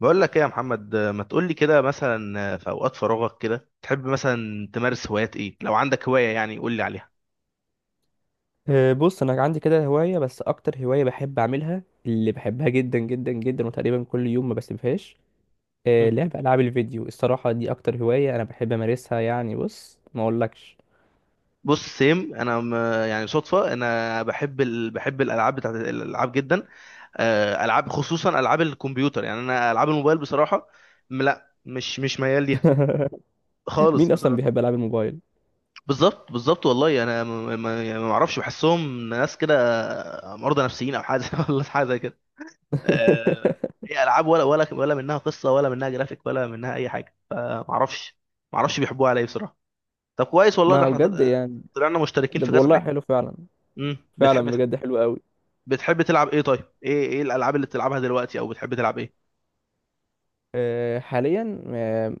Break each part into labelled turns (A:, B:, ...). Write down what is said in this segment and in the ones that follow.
A: بقول لك ايه يا محمد؟ ما تقول لي كده، مثلا في اوقات فراغك كده تحب مثلا تمارس هوايات ايه؟ لو عندك هواية يعني قول لي عليها.
B: بص انا عندي كده هوايه، بس اكتر هوايه بحب اعملها اللي بحبها جدا جدا جدا، وتقريبا كل يوم ما بسيبهاش.
A: مم.
B: لعب العاب الفيديو، الصراحه دي اكتر هوايه انا بحب امارسها، يعني بص ما اقولكش.
A: بص سيم، يعني صدفة انا بحب بحب الالعاب، بتاعت الالعاب جدا. العاب، خصوصا العاب الكمبيوتر. يعني انا العاب الموبايل بصراحة لا، مش ميال ليها خالص
B: مين اصلا
A: بصراحة.
B: بيحب العاب الموبايل؟
A: بالظبط بالظبط، والله انا يعني ما اعرفش، بحسهم ناس كده مرضى نفسيين او حاجة، ولا حاجة. آه، هي العاب ولا ولا ولا منها قصه، ولا منها جرافيك، ولا منها اي حاجه. ما اعرفش. ما اعرفش بيحبوها على ايه بصراحه. طب كويس والله، ده
B: ما
A: احنا
B: بجد يعني،
A: طلعنا مشتركين
B: ده
A: في كذا
B: والله
A: حاجه.
B: حلو فعلا.
A: امم
B: فعلا
A: بتحب بتح-
B: بجد حلو.
A: بتحب تلعب ايه؟ طيب ايه ايه الالعاب اللي بتلعبها دلوقتي، او بتحب تلعب ايه؟
B: حاليا،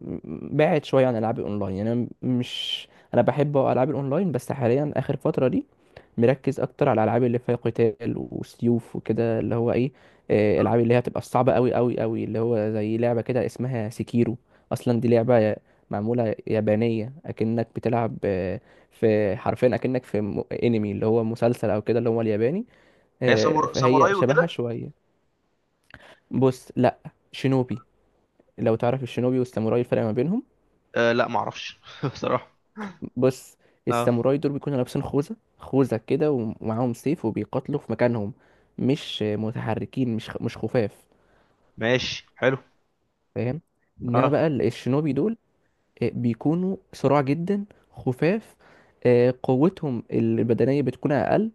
B: بعد شويه عن العاب الاونلاين، يعني انا مش، انا بحب العاب الاونلاين، بس حاليا اخر فتره دي مركز اكتر على الالعاب اللي فيها قتال وسيوف وكده، اللي هو ايه،
A: آه.
B: الالعاب اللي هي بتبقى صعبه قوي قوي قوي، اللي هو زي لعبه كده اسمها سيكيرو. اصلا دي لعبه معموله يابانيه، اكنك بتلعب في، حرفيا اكنك في انمي، اللي هو مسلسل او كده، اللي هو الياباني.
A: هي
B: فهي
A: ساموراي
B: شبهها
A: وكده؟
B: شويه. بص لا، شينوبي. لو تعرف الشينوبي والساموراي الفرق ما بينهم.
A: آه لا، ما اعرفش بصراحه.
B: بص
A: اه،
B: الساموراي دول بيكونوا لابسين خوذة كده، ومعاهم سيف وبيقاتلوا في مكانهم، مش متحركين، مش خفاف،
A: ماشي حلو.
B: فاهم. انما
A: اه.
B: بقى الشينوبي دول بيكونوا صراع جدا، خفاف. قوتهم البدنية بتكون أقل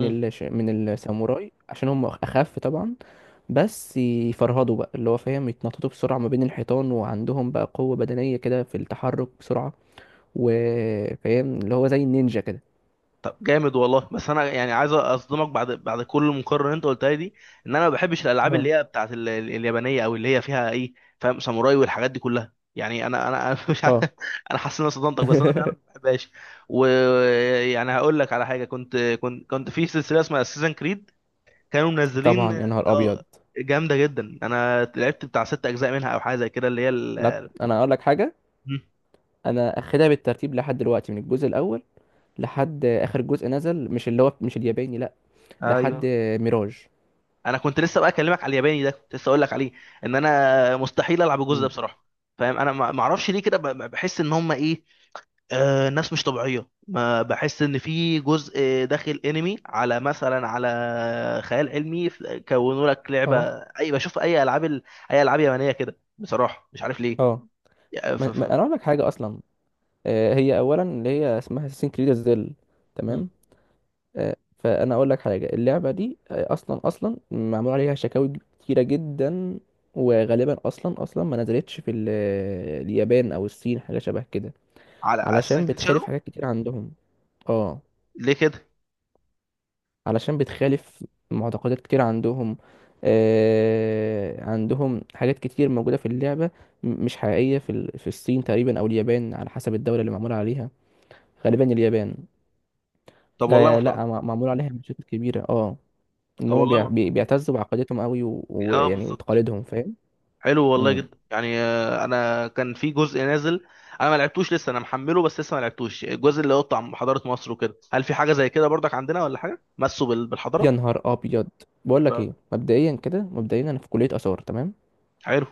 A: مم.
B: الش... من الساموراي عشان هم أخف طبعا، بس يفرهدوا بقى اللي هو فاهم، يتنططوا بسرعة ما بين الحيطان، وعندهم بقى قوة بدنية كده في التحرك بسرعة، وفاهم اللي هو زي النينجا كده.
A: طب جامد والله. بس انا يعني عايز اصدمك، بعد بعد كل المقارنه اللي انت قلتها لي دي، ان انا ما بحبش الالعاب
B: اه،
A: اللي هي بتاعت اليابانيه، او اللي هي فيها ايه، فاهم؟ ساموراي والحاجات دي كلها. يعني انا أنا مش عارف.
B: اه.
A: انا حاسس ان انا صدمتك، بس انا فعلا ما بحبهاش. ويعني هقول لك على حاجه، كنت في سلسله اسمها سيزن كريد، كانوا منزلين.
B: طبعا يا نهار ابيض.
A: اه، جامده جدا. انا لعبت بتاع ست اجزاء منها او حاجه زي كده، اللي هي
B: لا انا اقول لك حاجه،
A: مم.
B: انا اخدها بالترتيب لحد دلوقتي، من الجزء الاول لحد اخر جزء نزل، مش اللي هو مش الياباني لا، لحد
A: ايوه،
B: ميراج.
A: انا كنت لسه بقى اكلمك على الياباني ده، كنت لسه اقول لك عليه، ان انا مستحيل العب الجزء ده
B: مم.
A: بصراحه، فاهم؟ انا ما اعرفش ليه كده، بحس ان هم ايه، آه، ناس مش طبيعيه. ما بحس ان في جزء داخل انمي، على مثلا على خيال علمي، كونوا لك لعبه.
B: اه،
A: اي بشوف اي اي العاب يابانيه كده بصراحه مش عارف ليه
B: اه.
A: يعني.
B: انا اقول لك حاجه اصلا، هي اولا اللي هي اسمها اساسين كريد زل،
A: مم.
B: تمام. فانا اقول لك حاجه، اللعبه دي اصلا معمول عليها شكاوي كتيره جدا، وغالبا اصلا ما نزلتش في اليابان او الصين، حاجه شبه كده،
A: على اساسن
B: علشان
A: كريد
B: بتخالف
A: شادو.
B: حاجات كتير عندهم. اه،
A: ليه كده؟
B: علشان بتخالف معتقدات كتير عندهم. عندهم حاجات كتير موجوده في اللعبه مش حقيقيه في في الصين تقريبا او اليابان، على حسب الدوله اللي معمول عليها، غالبا اليابان.
A: طب والله محترم.
B: لا، معمول عليها مشاكل كبيره. اه، ان
A: طب
B: هم
A: والله
B: بيعتزوا بعقيدتهم قوي
A: اه
B: ويعني
A: بالظبط.
B: وتقاليدهم، فاهم.
A: حلو والله
B: امم
A: جدا. يعني انا كان في جزء نازل، انا ما لعبتوش لسه، انا محمله بس لسه ما لعبتوش، الجزء اللي هو بتاع حضارة مصر وكده. هل في حاجة زي كده برضك عندنا، ولا حاجة مسوا
B: يا
A: بالحضارة؟
B: نهار ابيض. بقول لك
A: راجل،
B: ايه، مبدئيا كده، مبدئيا انا في كليه اثار، تمام.
A: حلو.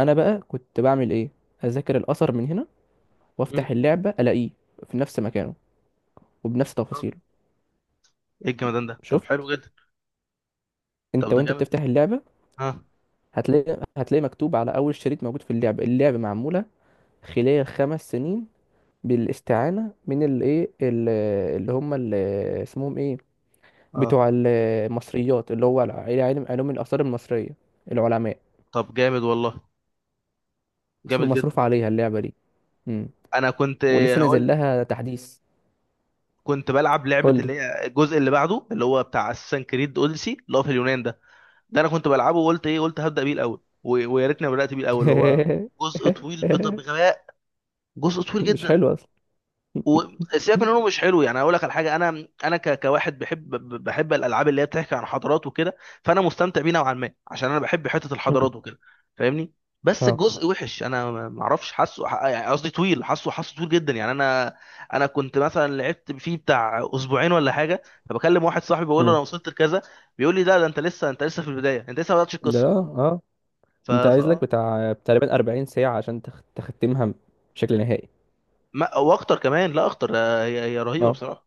B: انا بقى كنت بعمل ايه، اذاكر الاثر من هنا،
A: مم.
B: وافتح اللعبه الاقيه في نفس مكانه وبنفس
A: راجل،
B: تفاصيله.
A: ايه الجمدان ده؟ طب
B: شفت؟
A: حلو جدا.
B: انت
A: طب ده
B: وانت
A: جامد جدا.
B: بتفتح اللعبه
A: ها.
B: هتلاقي مكتوب على اول شريط موجود في اللعبه، اللعبه معموله خلال 5 سنين بالاستعانه من الايه، اللي هم اسمهم ايه، بتوع
A: اه.
B: المصريات، اللي هو علم علوم الآثار المصرية، العلماء.
A: طب جامد والله،
B: مصر
A: جامد جدا.
B: مصروف عليها اللعبة دي. مم.
A: انا كنت
B: ولسه نازل
A: هقول لك،
B: لها تحديث.
A: كنت بلعب لعبة
B: قول لي.
A: اللي هي الجزء اللي بعده، اللي هو بتاع اساسن كريد اوديسي، اللي هو في اليونان ده. ده انا كنت بلعبه، وقلت ايه، قلت هبدا بيه الاول، ويا ريتني ما بدات بيه الاول. هو جزء طويل بغباء، جزء طويل
B: مش
A: جدا.
B: حلو أصلا.
A: وسيبك من انه مش حلو، يعني اقول لك على حاجه، انا كواحد بحب بحب الالعاب اللي هي بتحكي عن حضارات وكده، فانا مستمتع بيه نوعا ما، عشان انا بحب حته
B: مم.
A: الحضارات وكده، فاهمني. بس
B: اه.
A: الجزء وحش، انا ما اعرفش. حاسه يعني قصدي طويل. حاسه حاسه طويل جدا يعني. انا انا كنت مثلا لعبت فيه بتاع اسبوعين ولا حاجه، فبكلم واحد صاحبي، بقول له انا
B: مم.
A: وصلت لكذا، بيقول لي ده انت لسه، انت لسه في البدايه، انت لسه ما بداتش
B: ده
A: القصه.
B: لا، اه.
A: ف
B: انت
A: ف
B: عايز لك بتاع تقريبا 40 ساعة عشان تختمها بشكل نهائي.
A: ما واخطر كمان، لا اخطر. هي رهيبه
B: اه،
A: بصراحه.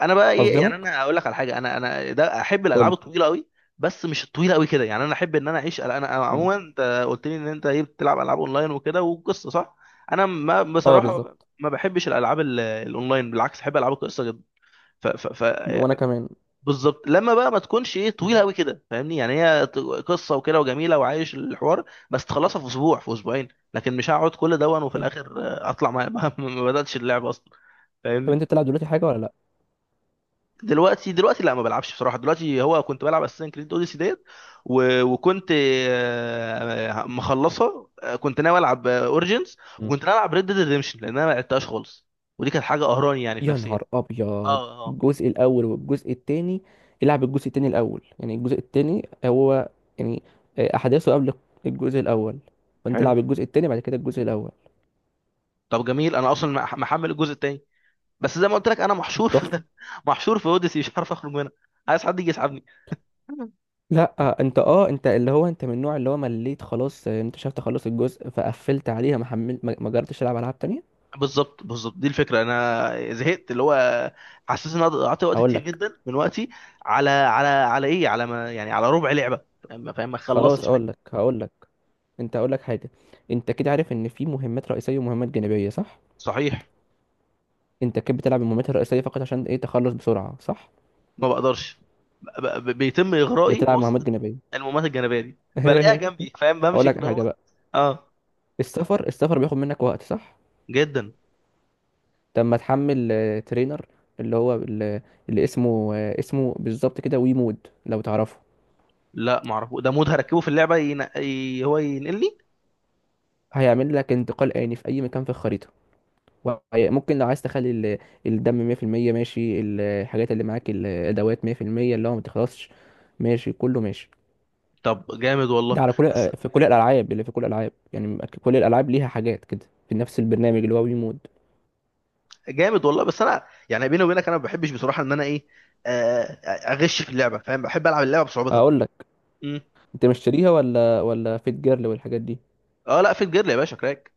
A: انا بقى ايه، يعني
B: أصدمك،
A: انا اقول لك على حاجه، انا ده احب
B: قول
A: الالعاب
B: لي.
A: الطويله قوي، بس مش الطويله قوي كده، يعني انا احب ان انا اعيش. انا
B: مم.
A: عموما انت قلت لي ان انت ايه، بتلعب العاب اونلاين وكده وقصه، صح؟ انا، ما
B: اه
A: بصراحه
B: بالظبط،
A: ما بحبش الالعاب الاونلاين، بالعكس احب العاب القصه جدا.
B: وأنا كمان.
A: بالظبط، لما بقى ما تكونش ايه طويله
B: مم.
A: قوي كده، فاهمني؟ يعني هي قصه وكده، وجميله وعايش الحوار، بس تخلصها في اسبوع في اسبوعين، لكن مش هقعد كل ده، وفي
B: فاهم.
A: الاخر اطلع ما, ما ما بداتش اللعب اصلا،
B: طب
A: فاهمني؟
B: أنت بتلعب دلوقتي حاجة ولا لأ؟
A: دلوقتي، دلوقتي لا ما بلعبش بصراحه. دلوقتي هو كنت بلعب اساسن كريد اوديسي ديت، وكنت مخلصه. كنت ناوي العب اوريجينز، وكنت ناوي العب ريد ديد ريديمشن، لان انا ما لعبتهاش خالص، ودي كانت حاجه قهراني يعني في
B: يا
A: نفسيتي.
B: نهار ابيض.
A: اه اه.
B: الجزء الاول والجزء التاني، العب الجزء التاني الاول، يعني الجزء التاني هو يعني احداثه قبل الجزء الاول، فانت
A: حلو.
B: العب الجزء التاني بعد كده الجزء الاول.
A: طب جميل، انا اصلا محمل الجزء التاني، بس زي ما قلت لك، انا محشور
B: تحفه.
A: في محشور في اوديسي، مش عارف اخرج منها. عايز حد يجي يسحبني.
B: لا، آه، انت اه انت اللي هو انت من النوع اللي هو مليت خلاص، انت شفت خلاص الجزء فقفلت عليها، ما حملت، ما جربتش تلعب العاب تانية.
A: بالظبط بالظبط، دي الفكره. انا زهقت، اللي هو حسيت ان انا قعدت وقت
B: هقول
A: كتير
B: لك،
A: جدا من وقتي على ايه، على ما يعني على ربع لعبه، فاهم فاهم؟ ما
B: خلاص
A: خلصتش حاجه.
B: اقول لك، هقول لك انت، هقول لك حاجه. انت كده عارف ان في مهمات رئيسيه ومهمات جانبيه، صح؟
A: صحيح.
B: انت كده بتلعب المهمات الرئيسيه فقط عشان ايه، تخلص بسرعه، صح؟
A: ما بقدرش، بيتم اغرائي
B: بتلعب
A: بوسط
B: مهمات جانبية.
A: المهمات الجانبيه دي، بلاقيها جنبي فاهم،
B: اقول
A: بمشي
B: لك
A: كده.
B: حاجه
A: هو
B: بقى،
A: اه
B: السفر بياخد منك وقت، صح؟
A: جدا.
B: طب ما تحمل ترينر، اللي هو بال- اللي اسمه اسمه بالظبط كده، ويمود، لو تعرفه.
A: لا ما اعرفه ده. مود هركبه في اللعبه هو ينقلني.
B: هيعمل لك انتقال آني في اي مكان في الخريطه، ممكن لو عايز تخلي الدم 100%، ماشي، الحاجات اللي معاك الادوات 100%، اللي هو ما تخلصش، ماشي كله ماشي.
A: طب جامد
B: ده
A: والله.
B: على كل
A: بس
B: في كل الالعاب، يعني، كل الالعاب ليها حاجات كده في نفس البرنامج، اللي هو ويمود.
A: جامد والله. بس انا يعني بيني وبينك، انا ما بحبش بصراحه ان انا ايه، آه، اغش في اللعبه، فاهم؟ بحب العب اللعبه بصعوبتها.
B: اقول لك،
A: مم.
B: انت مشتريها ولا فيت جيرل والحاجات دي؟
A: اه، لا في الجير يا باشا، كراك.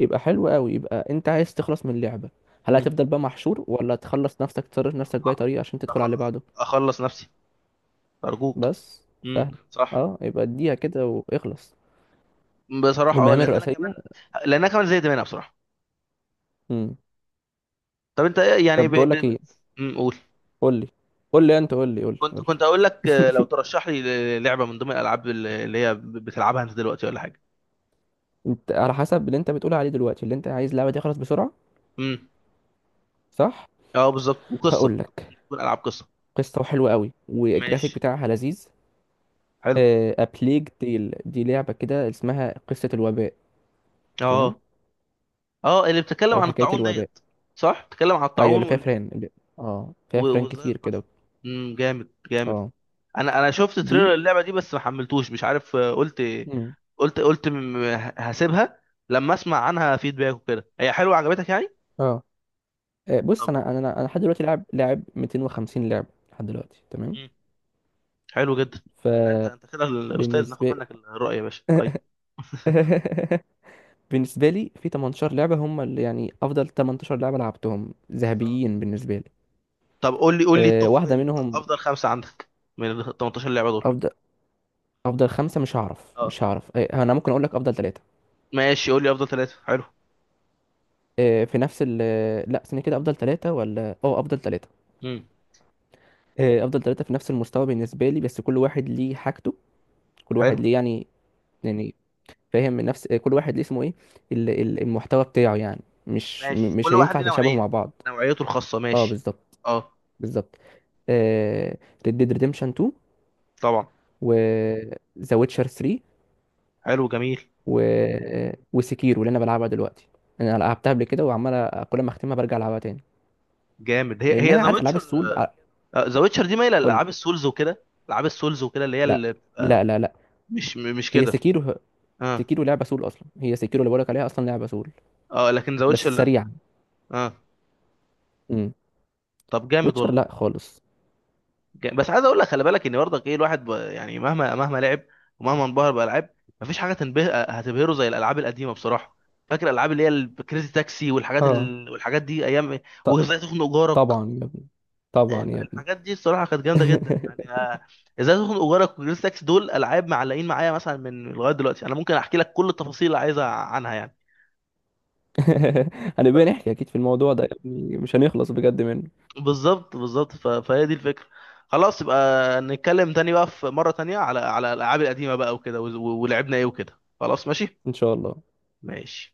B: يبقى حلو قوي، يبقى انت عايز تخلص من اللعبة، هل
A: مم.
B: هتفضل بقى محشور، ولا تخلص نفسك، تصرف نفسك بأي طريقة عشان تدخل على اللي
A: أخ-
B: بعده.
A: اخلص نفسي، ارجوك.
B: بس
A: مم.
B: سهل،
A: صح.
B: اه، يبقى اديها كده واخلص،
A: بصراحه اه،
B: والمهام
A: لان انا
B: الرئيسية.
A: كمان، لان انا كمان زهقت منها بصراحه.
B: امم
A: طب انت ايه يعني
B: طب بقول لك ايه،
A: أمم، قول.
B: قول لي قول لي انت قول لي قول لي
A: كنت
B: قول لي.
A: اقول لك، لو ترشح لي لعبه من ضمن الالعاب اللي هي بتلعبها انت دلوقتي، ولا حاجه.
B: انت على حسب اللي انت بتقول عليه دلوقتي، اللي انت عايز اللعبة دي تخلص بسرعة،
A: مم.
B: صح.
A: اه بالظبط، وقصه.
B: هقول لك،
A: تكون العاب قصه.
B: قصة حلوة قوي والجرافيك
A: ماشي،
B: بتاعها لذيذ.
A: حلو.
B: أبليج تيل، دي لعبة كده اسمها قصة الوباء، تمام،
A: اه. اه، اللي بتتكلم
B: أو
A: عن
B: حكاية
A: الطاعون
B: الوباء.
A: ديت؟ صح، بتتكلم عن
B: ايوه
A: الطاعون
B: اللي فيها فران اه، فيها فران
A: وازاي
B: كتير
A: انتشر.
B: كده.
A: امم، جامد جامد.
B: اه.
A: انا انا شفت
B: دي.
A: تريلر اللعبه دي، بس ما حملتوش، مش عارف. قلت،
B: مم.
A: هسيبها لما اسمع عنها فيدباك وكده. هي حلوه عجبتك يعني؟
B: اه. بص
A: طب
B: انا انا
A: جامد.
B: انا أنا لحد دلوقتي لاعب 250 لعبه لحد دلوقتي، تمام.
A: مم. حلو جدا. لا انت، انت كده الاستاذ، ناخد
B: فبالنسبه
A: منك الرأي يا باشا، ايوه.
B: بالنسبه لي في 18 لعبه هم اللي يعني افضل 18 لعبه لعبتهم،
A: اه.
B: ذهبيين بالنسبه لي.
A: طب قول لي، قول لي التوب
B: واحده منهم.
A: افضل خمسه عندك، من ال 18 لعبه دول.
B: افضل افضل خمسه
A: اه،
B: مش هعرف، انا ممكن اقول لك افضل ثلاثه.
A: ماشي، قول لي افضل ثلاثه، حلو.
B: في نفس ال لا استنى كده، افضل ثلاثه ولا، اه، افضل ثلاثه.
A: امم.
B: افضل ثلاثه في نفس المستوى بالنسبه لي، بس كل واحد ليه حاجته، كل
A: حلو.
B: واحد ليه يعني فاهم، من نفس كل واحد ليه اسمه ايه، المحتوى بتاعه يعني، مش
A: ماشي،
B: مش
A: كل واحد
B: هينفع
A: ليه
B: تشابهوا مع
A: نوعية،
B: بعض.
A: نوعيته الخاصة،
B: اه
A: ماشي.
B: بالظبط
A: اه.
B: بالظبط ريد ديد ريديمشن 2،
A: طبعا.
B: و ذا ويتشر 3،
A: حلو، جميل.
B: و وسكيرو اللي انا بلعبها دلوقتي، انا لعبتها قبل كده وعمال كل ما اختمها برجع العبها تاني،
A: جامد. هي
B: لانها
A: ذا
B: عارف العاب
A: ويتشر.
B: السول
A: ذا ويتشر دي مايلة
B: قول لي.
A: لألعاب السولز وكده، ألعاب السولز وكده، اللي هي
B: لا،
A: اللي
B: لا،
A: بتبقى،
B: لا، لا.
A: مش
B: هي
A: كده؟
B: سكيرو،
A: اه.
B: لعبه سول اصلا، هي سكيرو اللي بقولك عليها اصلا لعبه سول
A: اه، لكن ذا
B: بس
A: ويتشر لا.
B: سريعة.
A: اه.
B: امم.
A: طب جامد
B: ويتشر
A: والله.
B: لا خالص.
A: جامد. بس عايز اقول لك خلي بالك ان برضك ايه، الواحد يعني مهما لعب، ومهما انبهر بالالعاب، مفيش حاجه هتبهره زي الالعاب القديمه بصراحه. فاكر الالعاب اللي هي الكريزي تاكسي
B: اه،
A: والحاجات دي ايام؟
B: ط-
A: وازاي تخنق جارك.
B: طبعا يا ابني، طبعا يا ابني.
A: الحاجات دي الصراحه كانت جامده جدا يعني. ازاي تخنق جارك، وجريس تاكس، دول العاب معلقين معايا مثلا من لغايه دلوقتي، انا ممكن احكي لك كل التفاصيل اللي عايزها عنها يعني.
B: هنبقى نحكي اكيد في الموضوع ده يا ابني، مش هنخلص بجد منه.
A: بالظبط بالظبط، فهي دي الفكره. خلاص، يبقى نتكلم تاني بقى في مره تانية على على الالعاب القديمه بقى وكده، ولعبنا ايه وكده، خلاص، ماشي.
B: ان شاء الله.
A: ماشي.